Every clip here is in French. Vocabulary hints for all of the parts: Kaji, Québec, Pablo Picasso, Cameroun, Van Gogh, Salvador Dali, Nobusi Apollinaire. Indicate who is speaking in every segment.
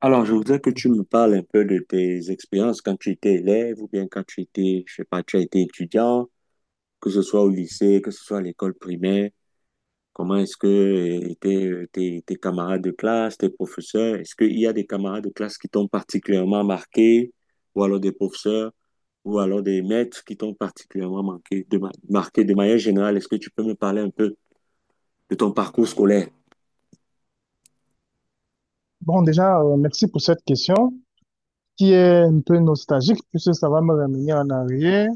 Speaker 1: Alors, je voudrais que tu me parles un peu de tes expériences quand tu étais élève ou bien quand tu étais, je sais pas, tu as été étudiant, que ce soit au lycée, que ce soit à l'école primaire. Comment est-ce que tes camarades de classe, tes professeurs, est-ce qu'il y a des camarades de classe qui t'ont particulièrement marqué, ou alors des professeurs, ou alors des maîtres qui t'ont particulièrement marqué de manière générale? Est-ce que tu peux me parler un peu de ton parcours scolaire?
Speaker 2: Bon, déjà, merci pour cette question qui est un peu nostalgique puisque ça va me ramener en arrière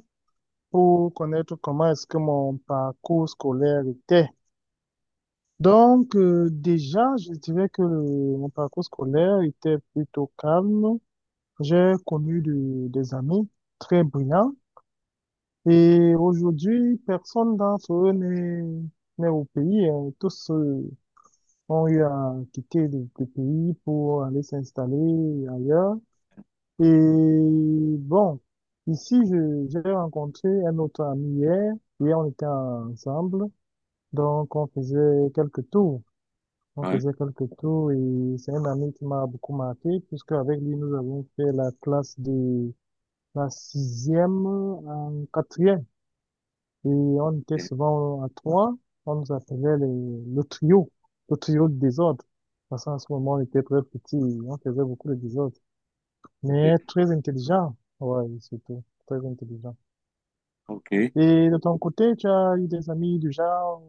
Speaker 2: pour connaître comment est-ce que mon parcours scolaire était. Donc, déjà, je dirais que mon parcours scolaire était plutôt calme. J'ai connu des amis très brillants et aujourd'hui, personne d'entre eux n'est au pays, hein. Tous, ont eu à quitter le pays pour aller s'installer ailleurs. Et bon, ici, j'ai rencontré un autre ami hier. Hier, on était ensemble. Donc, on faisait quelques tours. On
Speaker 1: Ouais,
Speaker 2: faisait quelques tours et c'est un ami qui m'a beaucoup marqué puisque avec lui, nous avons fait la classe de la sixième en quatrième. Et on était
Speaker 1: ok,
Speaker 2: souvent à trois. On nous appelait le trio de désordre. Parce qu'en ce moment, on était très petits, et on faisait beaucoup de désordre. Mais
Speaker 1: ok.
Speaker 2: très intelligent. Ouais, surtout. Très intelligent.
Speaker 1: Ok.
Speaker 2: Et de ton côté, tu as eu des amis du genre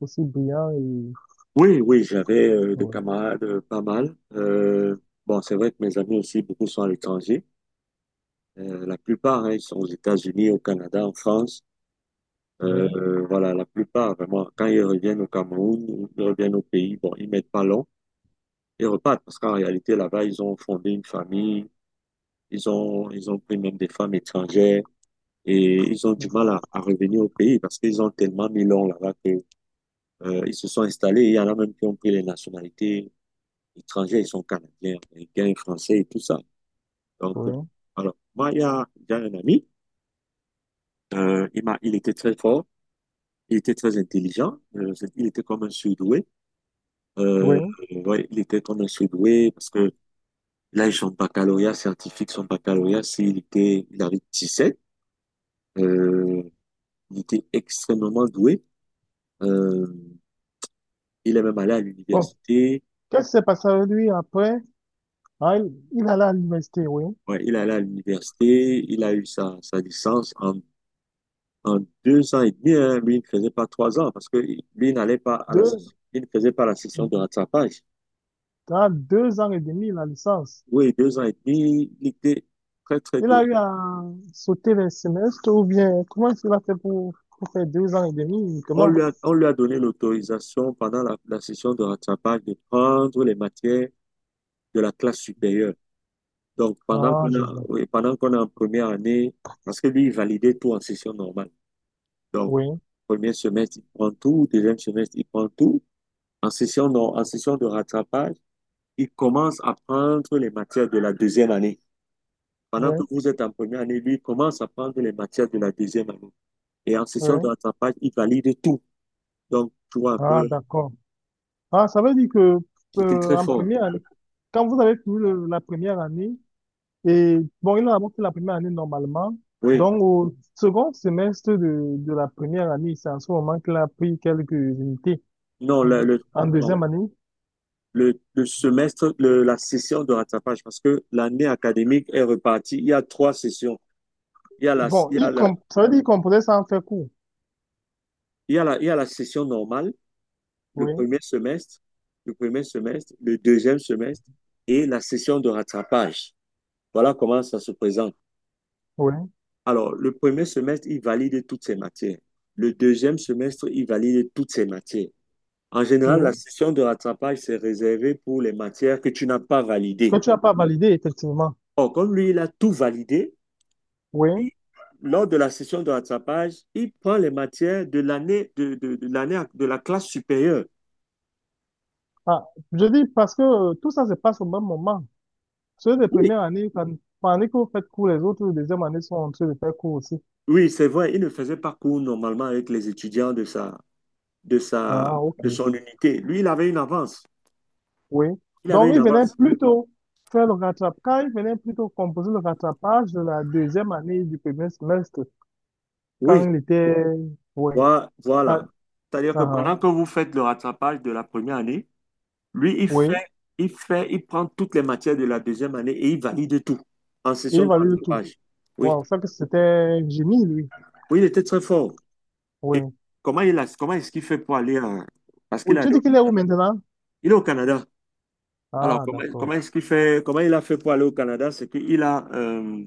Speaker 2: aussi brillants et...
Speaker 1: Oui, oui, j'avais des
Speaker 2: Ouais,
Speaker 1: camarades pas mal. Bon, c'est vrai que mes amis aussi, beaucoup sont à l'étranger. La plupart, hein, ils sont aux États-Unis, au Canada, en France.
Speaker 2: ouais,
Speaker 1: Voilà, la plupart, vraiment, quand ils reviennent au Cameroun, ou ils reviennent au pays, bon, ils mettent pas long, ils repartent parce qu'en réalité, là-bas, ils ont fondé une famille, ils ont pris même des femmes étrangères et ils ont du mal à revenir au pays parce qu'ils ont tellement mis long là-bas que, ils se sont installés. Il y en a même qui ont pris les nationalités étrangers, ils sont canadiens, américains, français et tout ça. Donc,
Speaker 2: oui,
Speaker 1: alors, moi, il y a un ami, il était très fort, il était très intelligent, il était comme un surdoué. Euh,
Speaker 2: oui.
Speaker 1: ouais, il était comme un surdoué parce que là, son baccalauréat scientifique, il avait 17, euh, il était extrêmement doué. Euh, il est même allé à
Speaker 2: Bon,
Speaker 1: l'université,
Speaker 2: qu'est-ce qui s'est passé avec lui après? Ah, il allait à l'université, oui.
Speaker 1: ouais, il est allé à l'université, il a eu sa licence en 2 ans et demi, hein, lui, il ne faisait pas 3 ans parce que lui il n'allait pas
Speaker 2: Deux,
Speaker 1: session. Il ne faisait pas la session de rattrapage.
Speaker 2: dans deux ans et demi, la licence.
Speaker 1: Oui, 2 ans et demi, il était très, très
Speaker 2: Il
Speaker 1: doué.
Speaker 2: a eu à sauter les semestres ou bien comment est-ce qu'il a fait pour faire deux ans et demi
Speaker 1: On
Speaker 2: uniquement?
Speaker 1: lui a, on lui a donné l'autorisation pendant la session de rattrapage de prendre les matières de la classe supérieure. Donc,
Speaker 2: Ah, je vois.
Speaker 1: oui, pendant qu'on est en première année, parce que lui, il validait tout en session normale. Donc,
Speaker 2: Oui,
Speaker 1: premier semestre, il prend tout, deuxième semestre, il prend tout. En session, non, en session de rattrapage, il commence à prendre les matières de la deuxième année. Pendant que
Speaker 2: oui,
Speaker 1: vous êtes en première année, lui il commence à prendre les matières de la deuxième année. Et en session de
Speaker 2: oui.
Speaker 1: rattrapage, il valide tout. Donc, tu vois un
Speaker 2: Ah,
Speaker 1: peu,
Speaker 2: d'accord. Ah, ça veut dire que
Speaker 1: c'était très
Speaker 2: en
Speaker 1: fort.
Speaker 2: première année, quand vous avez fini la première année, et bon, il a d'abord fait la première année normalement,
Speaker 1: Oui,
Speaker 2: donc au second semestre de la première année, c'est en ce moment qu'il a pris quelques unités
Speaker 1: non,
Speaker 2: en
Speaker 1: non.
Speaker 2: deuxième année.
Speaker 1: La session de rattrapage, parce que l'année académique est repartie. Il y a trois sessions. Il y a la,
Speaker 2: Bon,
Speaker 1: il y a la,
Speaker 2: ça veut dire qu'il composait sans faire cours.
Speaker 1: il y a la, il y a la session normale, le
Speaker 2: Oui,
Speaker 1: premier semestre, le premier semestre, le deuxième semestre et la session de rattrapage. Voilà comment ça se présente.
Speaker 2: oui,
Speaker 1: Alors, le premier semestre, il valide toutes ses matières. Le deuxième semestre, il valide toutes ses matières. En général, la
Speaker 2: oui.
Speaker 1: session de rattrapage, c'est réservé pour les matières que tu n'as pas
Speaker 2: Que
Speaker 1: validées.
Speaker 2: tu n'as pas validé, effectivement.
Speaker 1: Or, comme lui, il a tout validé,
Speaker 2: Oui.
Speaker 1: il- lors de la session de rattrapage, il prend les matières de l'année de l'année de la classe supérieure.
Speaker 2: Ah, je dis parce que tout ça se passe au même moment. Ceux des
Speaker 1: Oui,
Speaker 2: premières années, pendant que vous faites cours, les autres les deuxième année sont en train de faire cours aussi.
Speaker 1: oui, c'est vrai, il ne faisait pas cours normalement avec les étudiants de sa,
Speaker 2: Ah, ok.
Speaker 1: de son unité. Lui, il avait une avance.
Speaker 2: Oui.
Speaker 1: Il avait
Speaker 2: Donc,
Speaker 1: une
Speaker 2: il venait
Speaker 1: avance.
Speaker 2: plutôt faire le rattrapage. Quand il venait plutôt composer le rattrapage de la deuxième année du premier semestre,
Speaker 1: Oui.
Speaker 2: quand il était. Oui. Ah,
Speaker 1: Voilà. C'est-à-dire
Speaker 2: ah,
Speaker 1: que
Speaker 2: ah,
Speaker 1: pendant que vous faites le rattrapage de la première année, lui,
Speaker 2: oui.
Speaker 1: il prend toutes les matières de la deuxième année et il valide tout en
Speaker 2: Et il
Speaker 1: session de
Speaker 2: valait le tout.
Speaker 1: rattrapage. Oui,
Speaker 2: Wow, ça que c'était un génie, lui.
Speaker 1: oui, il était très fort. Et
Speaker 2: Oui.
Speaker 1: comment est-ce qu'il fait pour aller en-. Parce qu'il
Speaker 2: Oui, tu
Speaker 1: allait
Speaker 2: dis
Speaker 1: au-.
Speaker 2: qu'il est où maintenant?
Speaker 1: Il est au Canada. Alors,
Speaker 2: Ah,
Speaker 1: comment, comment
Speaker 2: d'accord.
Speaker 1: est-ce qu'il fait, comment il a fait pour aller au Canada? C'est qu'il a,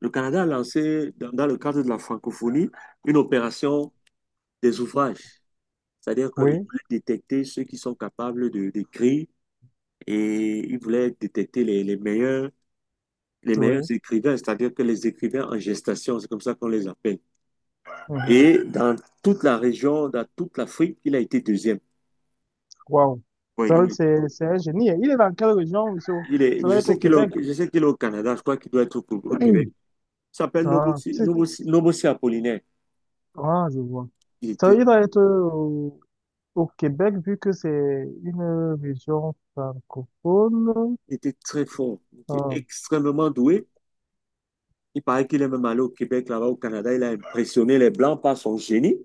Speaker 1: le Canada a lancé, dans le cadre de la francophonie, une opération des ouvrages. C'est-à-dire qu'il
Speaker 2: Oui,
Speaker 1: voulait détecter ceux qui sont capables de, d'écrire et il voulait détecter les meilleurs
Speaker 2: oui.
Speaker 1: écrivains, c'est-à-dire que les écrivains en gestation, c'est comme ça qu'on les appelle.
Speaker 2: Mhm.
Speaker 1: Et dans toute la région, dans toute l'Afrique, il a été deuxième.
Speaker 2: Wow.
Speaker 1: Oui,
Speaker 2: Ça,
Speaker 1: il est,
Speaker 2: c'est un génie. Il est dans quelle région, monsieur? Ça
Speaker 1: je
Speaker 2: doit être au
Speaker 1: sais qu'il est,
Speaker 2: Québec.
Speaker 1: je sais qu'il est au Canada, je crois qu'il doit être au, au Québec. Il s'appelle
Speaker 2: Ah,
Speaker 1: Nobusi Apollinaire.
Speaker 2: ah, je vois.
Speaker 1: Il
Speaker 2: Ça,
Speaker 1: était,
Speaker 2: il doit être au Québec, vu que c'est une région francophone,
Speaker 1: il était très fort, il était
Speaker 2: ah,
Speaker 1: extrêmement doué. Il paraît qu'il est même allé au Québec, là-bas au Canada. Il a impressionné les Blancs par son génie.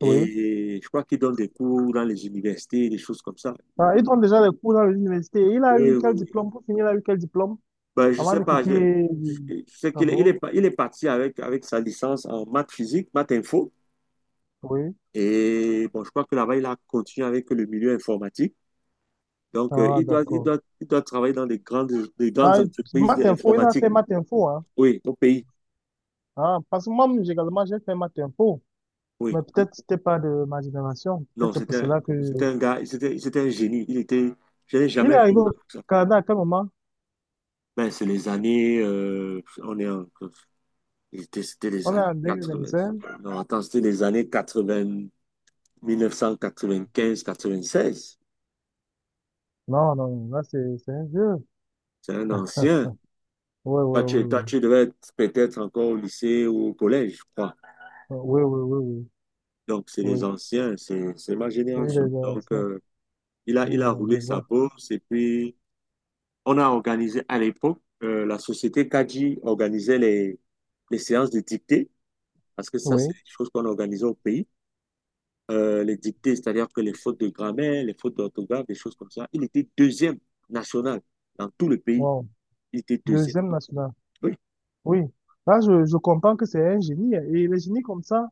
Speaker 2: oui.
Speaker 1: je crois qu'il donne des cours dans les universités, des choses comme ça.
Speaker 2: Ah, il donne déjà les cours dans l'université. Il a
Speaker 1: Oui,
Speaker 2: eu
Speaker 1: oui,
Speaker 2: quel
Speaker 1: oui.
Speaker 2: diplôme? Pour finir, il a eu quel diplôme
Speaker 1: Ben, je
Speaker 2: avant
Speaker 1: sais
Speaker 2: de
Speaker 1: pas.
Speaker 2: quitter
Speaker 1: Je,
Speaker 2: le
Speaker 1: je sais qu'il est,
Speaker 2: Cameroun?
Speaker 1: il est parti avec sa licence en maths physique, maths info.
Speaker 2: Oui.
Speaker 1: Et bon, je crois que là-bas, il a continué avec le milieu informatique. Donc,
Speaker 2: Ah,
Speaker 1: il doit, il
Speaker 2: d'accord.
Speaker 1: doit, il doit travailler dans des grandes
Speaker 2: Ah,
Speaker 1: entreprises
Speaker 2: maths info, il a fait
Speaker 1: d'informatique.
Speaker 2: maths info, hein.
Speaker 1: Oui, au pays.
Speaker 2: Ah, parce que moi, également, j'ai fait maths info. Mais
Speaker 1: Oui.
Speaker 2: peut-être c'était pas de ma génération. Peut-être
Speaker 1: Non,
Speaker 2: c'est pour cela
Speaker 1: c'était
Speaker 2: que...
Speaker 1: un gars, c'était un génie. Il était, je n'ai
Speaker 2: Il
Speaker 1: jamais
Speaker 2: est
Speaker 1: vu
Speaker 2: arrivé
Speaker 1: une
Speaker 2: au
Speaker 1: comme ça.
Speaker 2: Canada à quel moment?
Speaker 1: Ben, c'est les années, on est en, c'était les
Speaker 2: On est en
Speaker 1: années 80.
Speaker 2: 2025?
Speaker 1: Non, attends, c'était les années 80. 1995-96.
Speaker 2: Non, non, là, c'est un vieux.
Speaker 1: C'est un ancien.
Speaker 2: Oui, oui,
Speaker 1: Toi,
Speaker 2: oui,
Speaker 1: tu, toi,
Speaker 2: oui.
Speaker 1: tu devais être peut-être encore au lycée ou au collège, je crois.
Speaker 2: Oui, oui, oui, oui.
Speaker 1: Donc, c'est les
Speaker 2: Oui,
Speaker 1: anciens, c'est ma
Speaker 2: oui,
Speaker 1: génération.
Speaker 2: les
Speaker 1: Donc,
Speaker 2: ASF,
Speaker 1: il a roulé
Speaker 2: je
Speaker 1: sa
Speaker 2: vois.
Speaker 1: bourse et puis on a organisé à l'époque, la société Kaji organisait les séances de dictée, parce que ça, c'est
Speaker 2: Oui,
Speaker 1: des choses qu'on organisait au pays. Les dictées, c'est-à-dire que les fautes de grammaire, les fautes d'orthographe, des choses comme ça. Il était deuxième national dans tout le pays.
Speaker 2: wow.
Speaker 1: Il était deuxième.
Speaker 2: Deuxième national.
Speaker 1: Oui.
Speaker 2: Oui, là, je comprends que c'est un génie, hein. Et les génies comme ça,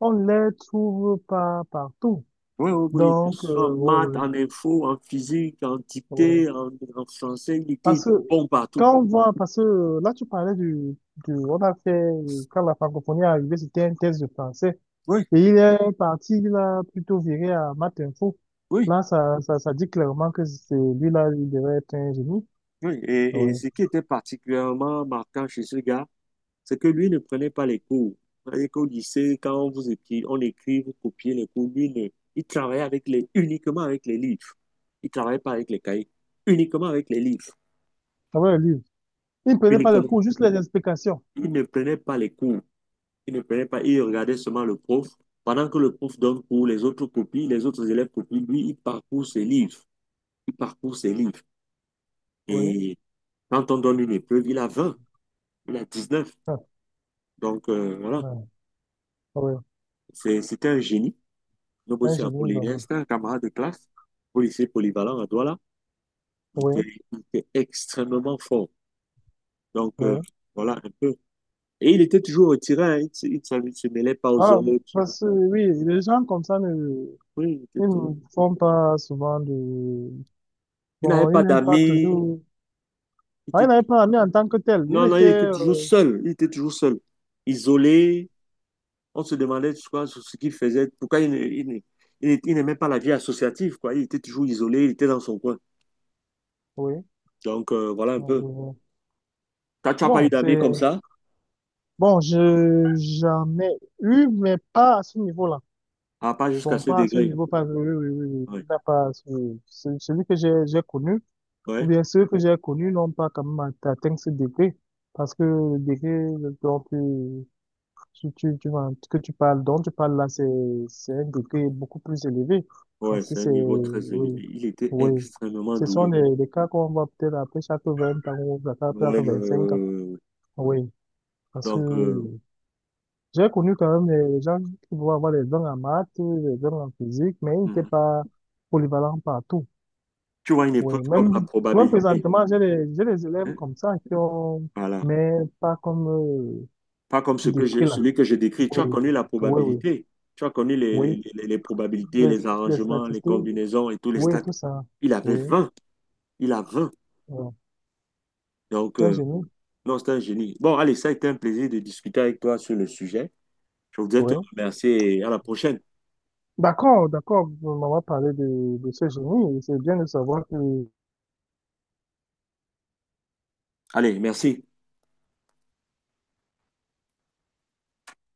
Speaker 2: on ne les trouve pas partout.
Speaker 1: Oui, oui, oui.
Speaker 2: Donc,
Speaker 1: En maths,
Speaker 2: oui, oui,
Speaker 1: en info, en physique, en
Speaker 2: oui.
Speaker 1: dictée, en français, il était
Speaker 2: Parce que
Speaker 1: bon partout.
Speaker 2: quand on voit, parce que là, tu parlais du, on a fait, quand la francophonie est arrivée, c'était un test de français.
Speaker 1: Oui,
Speaker 2: Et il est parti, il a plutôt viré à maths info.
Speaker 1: oui,
Speaker 2: Là, ça dit clairement que c'est lui-là, il devrait être un génie.
Speaker 1: oui. Et
Speaker 2: Oui.
Speaker 1: ce qui était particulièrement marquant chez ce gars, c'est que lui ne prenait pas les cours. C'est-à-dire qu'au lycée, quand on vous écrit, on écrit, vous copiez les cours, lui, il travaillait uniquement avec les livres. Il ne travaillait pas avec les cahiers, uniquement avec les livres,
Speaker 2: Ah ouais, lui. Il ne prenait pas le
Speaker 1: uniquement.
Speaker 2: cours, juste les explications.
Speaker 1: Il ne prenait pas les cours. Il ne payait pas, il regardait seulement le prof. Pendant que le prof donne cours, les autres copient, les autres élèves copient, lui, il parcourt ses livres. Il parcourt ses livres.
Speaker 2: Oui.
Speaker 1: Et quand on donne une épreuve, il a 20. Il a 19.
Speaker 2: Ah,
Speaker 1: Donc, voilà,
Speaker 2: non. Oui.
Speaker 1: c'était un génie.
Speaker 2: C'est un
Speaker 1: Nobossy
Speaker 2: génie,
Speaker 1: Apollinaire,
Speaker 2: vraiment.
Speaker 1: c'était un camarade de classe, policier polyvalent à Douala. Il
Speaker 2: Oui.
Speaker 1: était, il était extrêmement fort. Donc,
Speaker 2: Oui.
Speaker 1: voilà, un peu. Et il était toujours retiré, hein. Il ne se mêlait pas aux
Speaker 2: Ah,
Speaker 1: autres.
Speaker 2: parce que oui, les gens comme ça ne,
Speaker 1: Oui,
Speaker 2: ils ne font pas souvent de.
Speaker 1: il n'avait
Speaker 2: Bon, ils
Speaker 1: pas
Speaker 2: n'aiment pas
Speaker 1: d'amis.
Speaker 2: toujours.
Speaker 1: Il
Speaker 2: Ah, il
Speaker 1: était.
Speaker 2: n'avait pas ami en tant que tel. Il
Speaker 1: Non, non,
Speaker 2: était,
Speaker 1: il était toujours seul. Il était toujours seul. Isolé. On se demandait, tu vois, ce qu'il faisait, pourquoi il n'aimait pas la vie associative, quoi. Il était toujours isolé, il était dans son coin.
Speaker 2: oui.
Speaker 1: Donc, voilà un
Speaker 2: Ah, je
Speaker 1: peu.
Speaker 2: vois.
Speaker 1: T'as- Tu n'as pas eu
Speaker 2: Bon,
Speaker 1: d'amis
Speaker 2: c'est.
Speaker 1: comme ça?
Speaker 2: Bon, je j'en ai eu, mais pas à ce niveau-là.
Speaker 1: Ah, pas jusqu'à
Speaker 2: Bon,
Speaker 1: ce
Speaker 2: pas à ce
Speaker 1: degré.
Speaker 2: niveau, pas. Oui, oui, oui, oui.
Speaker 1: Ouais,
Speaker 2: Il n'a pas. Celui que j'ai connu. Ou
Speaker 1: ouais,
Speaker 2: bien ceux que j'ai connus n'ont pas quand même atteint ce degré, parce que le degré dont tu, tu, tu, que tu parles, dont tu parles là, c'est un degré beaucoup plus élevé.
Speaker 1: ouais,
Speaker 2: Parce que
Speaker 1: c'est un
Speaker 2: c'est,
Speaker 1: niveau très élevé.
Speaker 2: oui,
Speaker 1: Il était
Speaker 2: oui.
Speaker 1: extrêmement
Speaker 2: Ce sont
Speaker 1: doué.
Speaker 2: des cas qu'on voit peut-être après chaque 20 ans ou après chaque
Speaker 1: Ouais,
Speaker 2: 25 ans. Oui, parce que
Speaker 1: donc,
Speaker 2: j'ai connu quand même des gens qui vont avoir des dons en maths, des dons en physique, mais ils n'étaient
Speaker 1: mhm.
Speaker 2: pas polyvalents partout.
Speaker 1: Tu vois une
Speaker 2: Oui,
Speaker 1: épreuve comme
Speaker 2: même,
Speaker 1: la
Speaker 2: même
Speaker 1: probabilité.
Speaker 2: présentement, j'ai des élèves
Speaker 1: Hein.
Speaker 2: comme ça qui ont,
Speaker 1: Voilà.
Speaker 2: mais pas comme
Speaker 1: Pas comme
Speaker 2: tu
Speaker 1: ce que
Speaker 2: décris
Speaker 1: je,
Speaker 2: là.
Speaker 1: celui que je décris. Tu
Speaker 2: Oui,
Speaker 1: as connu la
Speaker 2: oui, oui,
Speaker 1: probabilité. Tu as connu les,
Speaker 2: oui.
Speaker 1: les probabilités,
Speaker 2: Les,
Speaker 1: les
Speaker 2: les
Speaker 1: arrangements, les
Speaker 2: statistiques,
Speaker 1: combinaisons et tous les
Speaker 2: oui,
Speaker 1: stats.
Speaker 2: tout ça.
Speaker 1: Il avait
Speaker 2: Oui,
Speaker 1: 20. Il a 20.
Speaker 2: euh,
Speaker 1: Donc,
Speaker 2: un génie,
Speaker 1: non, c'est un génie. Bon, allez, ça a été un plaisir de discuter avec toi sur le sujet. Je voudrais te
Speaker 2: oui.
Speaker 1: remercier et à la prochaine.
Speaker 2: D'accord, d'accord, on va parler de ce génie. C'est bien de savoir que
Speaker 1: Allez, merci.